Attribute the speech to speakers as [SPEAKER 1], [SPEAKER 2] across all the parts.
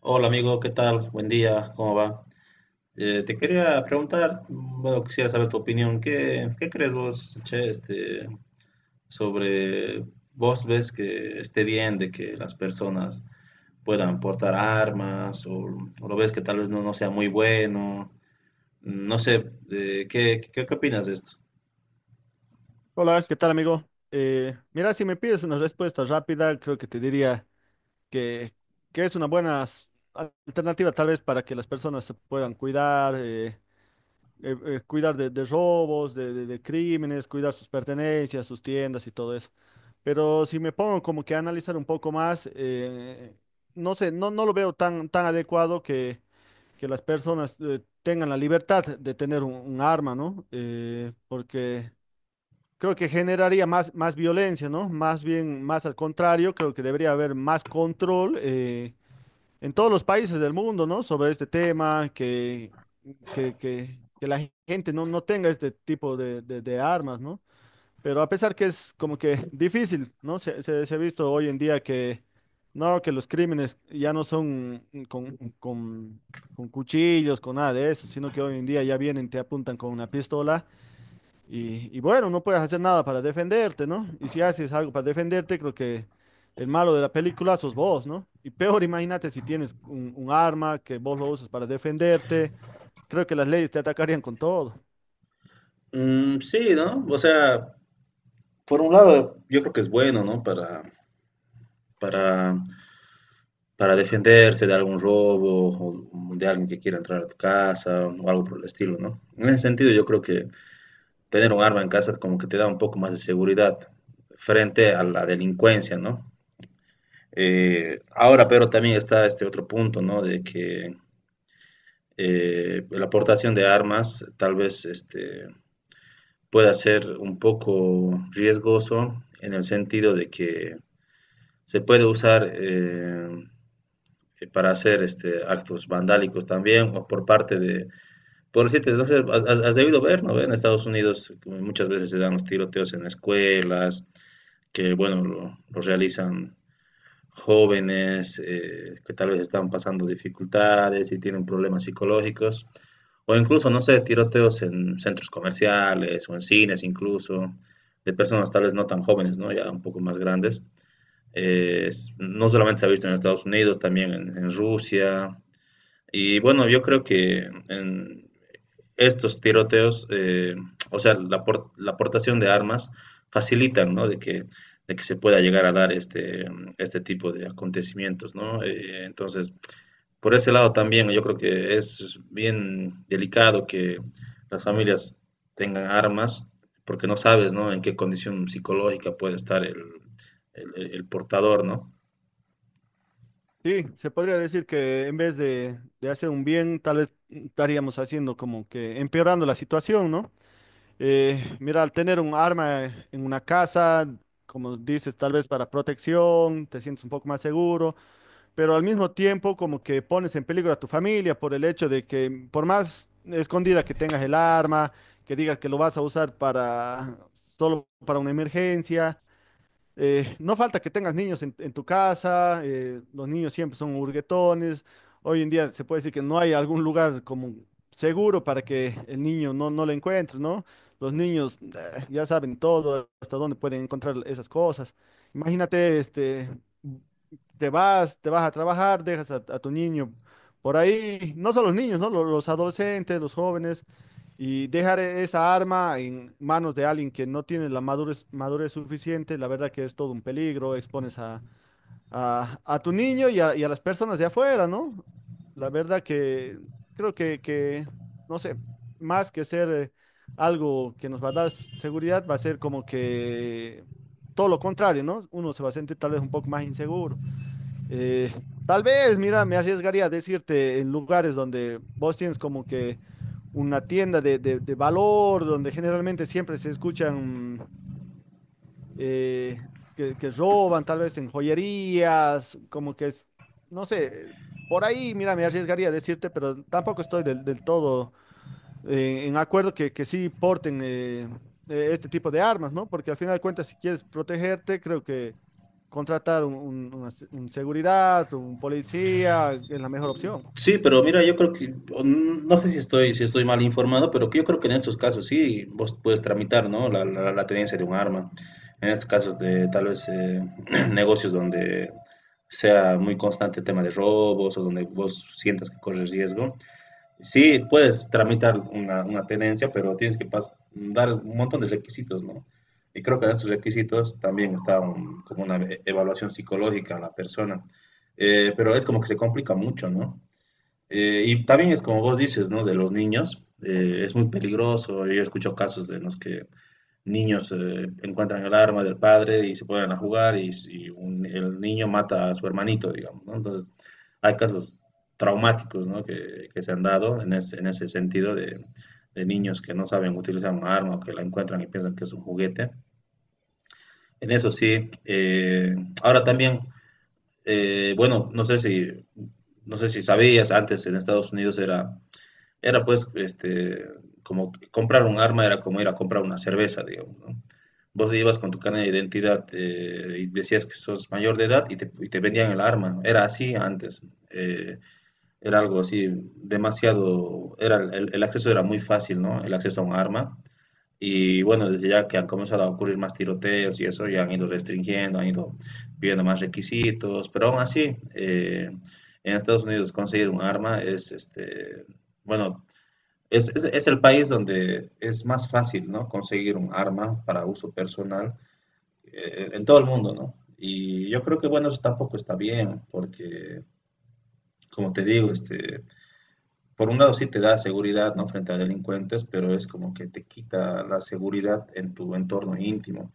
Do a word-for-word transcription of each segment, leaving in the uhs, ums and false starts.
[SPEAKER 1] Hola amigo, ¿qué tal? Buen día, ¿cómo va? Eh, te quería preguntar, bueno, quisiera saber tu opinión. ¿Qué, qué crees vos, che, este, sobre vos ves que esté bien de que las personas puedan portar armas o, o lo ves que tal vez no, no sea muy bueno? No sé, eh, ¿qué, qué, qué opinas de esto?
[SPEAKER 2] Hola, ¿qué tal, amigo? Eh, mira, si me pides una respuesta rápida, creo que te diría que, que es una buena s- alternativa tal vez para que las personas se puedan cuidar, eh, eh, eh, cuidar de, de robos, de, de- de crímenes, cuidar sus pertenencias, sus tiendas y todo eso. Pero si me pongo como que a analizar un poco más, eh, no sé, no, no lo veo tan, tan adecuado que, que las personas eh, tengan la libertad de tener un, un arma, ¿no? Eh, porque... Creo que generaría más, más violencia, ¿no? Más bien, más al contrario, creo que debería haber más control eh, en todos los países del mundo, ¿no? Sobre este tema, que, que, que, que la gente no, no tenga este tipo de, de- de armas, ¿no? Pero a pesar que es como que difícil, ¿no? Se, se, se ha visto hoy en día que, no, que los crímenes ya no son con, con, con cuchillos, con nada de eso, sino que hoy en día ya vienen, te apuntan con una pistola y, y bueno, no puedes hacer nada para defenderte, ¿no? Y si haces algo para defenderte, creo que el malo de la película sos vos, ¿no? Y peor, imagínate si tienes un, un arma que vos lo usas para defenderte, creo que las leyes te atacarían con todo.
[SPEAKER 1] Mm, sí, ¿no? O sea, por un lado, yo creo que es bueno, ¿no? Para, para para defenderse de algún robo o de alguien que quiera entrar a tu casa o algo por el estilo, ¿no? En ese sentido, yo creo que tener un arma en casa como que te da un poco más de seguridad frente a la delincuencia, ¿no? Eh, ahora, pero también está este otro punto, ¿no? De que eh, la aportación de armas tal vez este, pueda ser un poco riesgoso en el sentido de que se puede usar eh, eh, para hacer este, actos vandálicos también, o por parte de, por decirte, no sé, has, has has debido ver, ¿no? En Estados Unidos muchas veces se dan los tiroteos en escuelas, que bueno, lo, lo realizan jóvenes eh, que tal vez están pasando dificultades y tienen problemas psicológicos, o incluso, no sé, tiroteos en centros comerciales o en cines incluso, de personas tal vez no tan jóvenes, ¿no? Ya un poco más grandes. Eh, s- no solamente se ha visto en Estados Unidos, también en, en Rusia, y bueno, yo creo que en estos tiroteos, eh, o sea, la, por- la aportación de armas facilitan, ¿no? De que, de que se pueda llegar a dar este, este tipo de acontecimientos, ¿no? Eh, entonces, por ese lado también yo creo que es bien delicado que las familias tengan armas porque no sabes, ¿no? En qué condición psicológica puede estar el, el el portador, ¿no?
[SPEAKER 2] Sí, se podría decir que en vez de, de hacer un bien, tal vez estaríamos haciendo como que empeorando la situación, ¿no? Eh, mira, al tener un arma en una casa, como dices, tal vez para protección, te sientes un poco más seguro. Pero al mismo tiempo como que pones en peligro a tu familia por el hecho de que por más escondida que tengas el arma, que digas que lo vas a usar para solo para una emergencia, eh, no falta que tengas niños en, en tu casa, eh, los niños siempre son hurguetones, hoy en día se puede decir que no hay algún lugar como seguro para que el niño no, no lo encuentre, ¿no? Los niños eh, ya saben todo, hasta dónde pueden encontrar esas cosas. Imagínate, este, te vas, te vas a trabajar, dejas a, a tu niño por ahí, no solo los niños, ¿no? Lo- Los adolescentes, los jóvenes, y dejar e- esa arma en manos de alguien que no tiene la madurez, madurez suficiente, la verdad que es todo un peligro, expones a, a, a tu niño y a, y a las personas de afuera, ¿no? La verdad que creo que, que no sé, más que ser... eh, Algo que nos va a dar s- seguridad va a ser como que todo lo contrario, ¿no? Uno se va a sentir tal vez un poco más inseguro. Eh, Tal vez, mira, me arriesgaría a decirte en lugares donde vos tienes como que una tienda de, de- de valor, donde generalmente siempre se escuchan eh, que, que roban, tal vez en joyerías, como que es, no sé, por ahí, mira, me arriesgaría a decirte, pero tampoco estoy del, del todo eh, en acuerdo que, que sí porten eh, eh, este tipo de armas, ¿no? Porque al final de cuentas, si quieres protegerte, creo que contratar un, un- una se- un seguridad, un policía, es la mejor opción.
[SPEAKER 1] Sí, pero mira, yo creo que, o n- no sé si estoy, si estoy mal informado, pero que yo creo que en estos casos sí, vos puedes tramitar, ¿no? La, la, la tenencia de un arma. En estos casos de tal vez eh, negocios donde sea muy constante el tema de robos o donde vos sientas que corres riesgo. Sí, puedes tramitar una, una tenencia, pero tienes que pas- dar un montón de requisitos, ¿no? Y creo que en estos requisitos también está un- como una e- evaluación psicológica a la persona. Eh, pero es como que se complica mucho, ¿no? Eh, y también es como vos dices, ¿no? De los niños, eh, es muy peligroso. Yo escucho casos de los que niños eh, encuentran el arma del padre y se ponen a jugar y, y un- el niño mata a su hermanito, digamos, ¿no? Entonces, hay casos traumáticos, ¿no? que, que se han dado en ese, en ese sentido de, de niños que no saben utilizar un arma o que la encuentran y piensan que es un juguete. En eso sí, eh, ahora también, eh, bueno, no sé si, no sé si sabías, antes en Estados Unidos era era pues, este, como comprar un arma era como ir a comprar una cerveza, digamos, ¿no? Vos ibas con tu carnet de identidad eh, y decías que sos mayor de edad y te, y te vendían el arma, ¿no? Era así antes. eh, era algo así demasiado, era el, el acceso era muy fácil, ¿no? El acceso a un arma. Y bueno, desde ya que han comenzado a ocurrir más tiroteos y eso, ya han ido restringiendo, han ido pidiendo más requisitos, pero aún así, eh, en Estados Unidos conseguir un arma es, este, bueno, es, es, es el país donde es más fácil, ¿no? Conseguir un arma para uso personal eh, en todo el mundo, ¿no? Y yo creo que, bueno, eso tampoco está bien, porque, como te digo, este, por un lado sí te da seguridad, ¿no? Frente a delincuentes, pero es como que te quita la seguridad en tu entorno íntimo.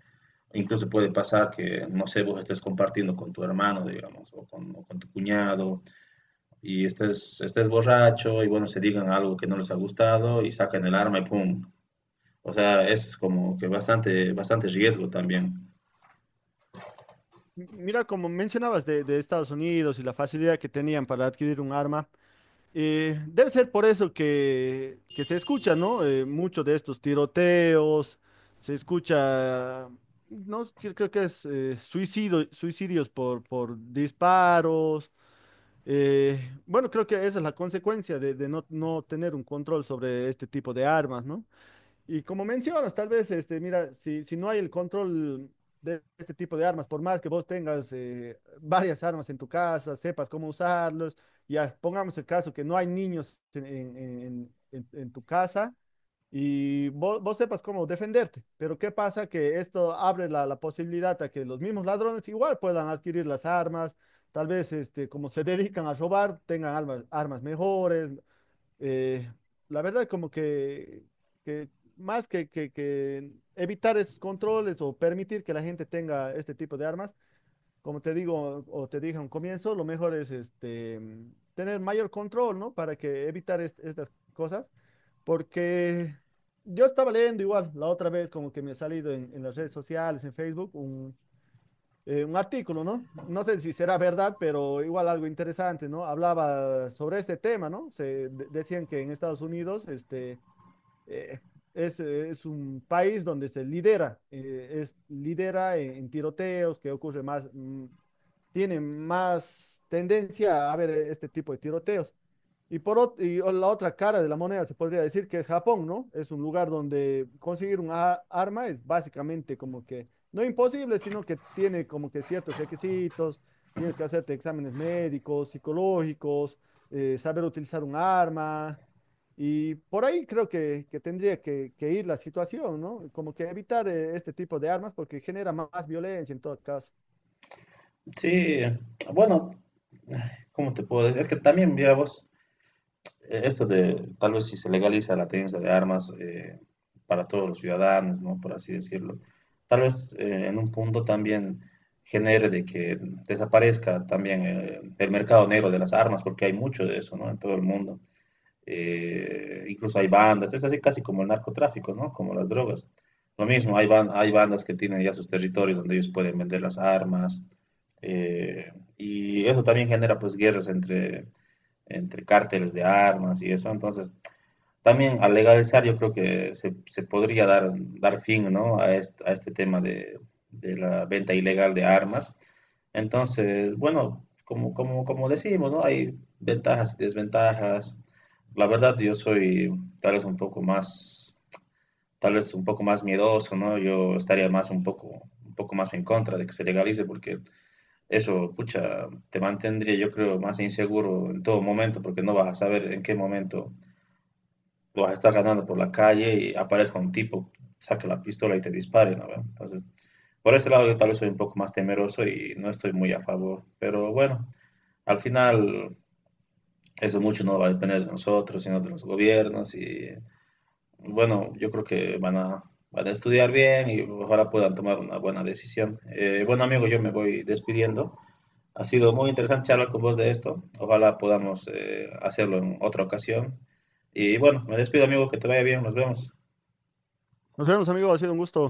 [SPEAKER 1] Incluso puede pasar que, no sé, vos estés compartiendo con tu hermano, digamos, o con, o con tu cuñado, y estés, estés borracho, y bueno, se digan algo que no les ha gustado, y sacan el arma y pum, o sea, es como que bastante, bastante riesgo también.
[SPEAKER 2] M- Mira, como mencionabas de, de Estados Unidos y la facilidad que tenían para adquirir un arma, eh, debe ser por eso que, que se escucha, ¿no? Eh, mucho de estos tiroteos, se escucha, no, creo creo que es eh, suicidio- suicidios por, por disparos. Eh, bueno, creo que esa es la consecuencia de, de no, no tener un control sobre este tipo de armas, ¿no? Y como mencionas, tal vez, este, mira, si, si no hay el control de este tipo de armas, por más que vos tengas eh, varias armas en tu casa, sepas cómo usarlos, ya pongamos el caso que no hay niños en, en- en- en- en tu casa y vos, vos sepas cómo defenderte, pero ¿qué pasa? Que esto abre la, la posibilidad a que los mismos ladrones igual puedan adquirir las armas, tal vez este, como se dedican a robar, tengan armas, armas mejores, eh, la verdad como que, que más que, que, que evitar esos controles o permitir que la gente tenga este tipo de armas, como te digo o te dije a un comienzo, lo mejor es este, mm, tener mayor control, ¿no? Para que evitar est- estas cosas, porque yo estaba leyendo igual la otra vez, como que me ha salido en, en las redes sociales, en Facebook, eh, un artículo, ¿no? No sé si será verdad, pero igual algo interesante, ¿no? Hablaba sobre este tema, ¿no? Se de- decían que en Estados Unidos, este, eh, es, eh, es un país donde se lidera, eh, es lidera en, en tiroteos que ocurre más, mm, tiene más tendencia a haber este tipo de tiroteos. Y por ot- y o- la otra cara de la moneda se podría decir que es Japón, ¿no? Es un lugar donde conseguir una arma es básicamente como que no imposible, sino que tiene como que ciertos requisitos, tienes que hacerte exámenes médicos, psicológicos, eh, saber utilizar un arma. Y por ahí creo que, que tendría que, que ir la situación, ¿no? Como que evitar eh, este tipo de armas porque genera más violencia en todo caso.
[SPEAKER 1] Sí, bueno, ay, ¿cómo te puedo decir? Es que también, mira vos, eh, esto de tal vez si se legaliza la tenencia de armas eh, para todos los ciudadanos, ¿no? Por así decirlo, tal vez eh, en un punto también genere de que desaparezca también eh, el mercado negro de las armas, porque hay mucho de eso, ¿no? En todo el mundo. eh, incluso hay bandas, es así casi como el narcotráfico, ¿no? Como las drogas. Lo mismo, hay, ban- hay bandas que tienen ya sus territorios donde ellos pueden vender las armas, eh, y eso también genera pues guerras entre, entre cárteles de armas y eso. Entonces, también al legalizar yo creo que se, se podría dar, dar fin, ¿no? A, este, a este tema de, de la venta ilegal de armas entonces, bueno, como, como, como decimos, ¿no? Hay ventajas y desventajas. La verdad, yo soy tal vez un poco más, tal vez un poco más miedoso, ¿no? Yo estaría más un poco, un poco más en contra de que se legalice porque eso, pucha, te mantendría, yo creo, más inseguro en todo momento porque no vas a saber en qué momento vas a estar ganando por la calle y aparezca un tipo, saque la pistola y te dispare, ¿no? Entonces, por ese lado yo tal vez soy un poco más temeroso y no estoy muy a favor, pero bueno. Al final, eso mucho no va a depender de nosotros, sino de los gobiernos. Y bueno, yo creo que van a, van a estudiar bien y ojalá puedan tomar una buena decisión. Eh, bueno, amigo, yo me voy despidiendo. Ha sido muy interesante charlar con vos de esto. Ojalá podamos eh, hacerlo en otra ocasión. Y bueno, me despido, amigo, que te vaya bien. Nos vemos.
[SPEAKER 2] Nos vemos, amigos, ha sido un gusto.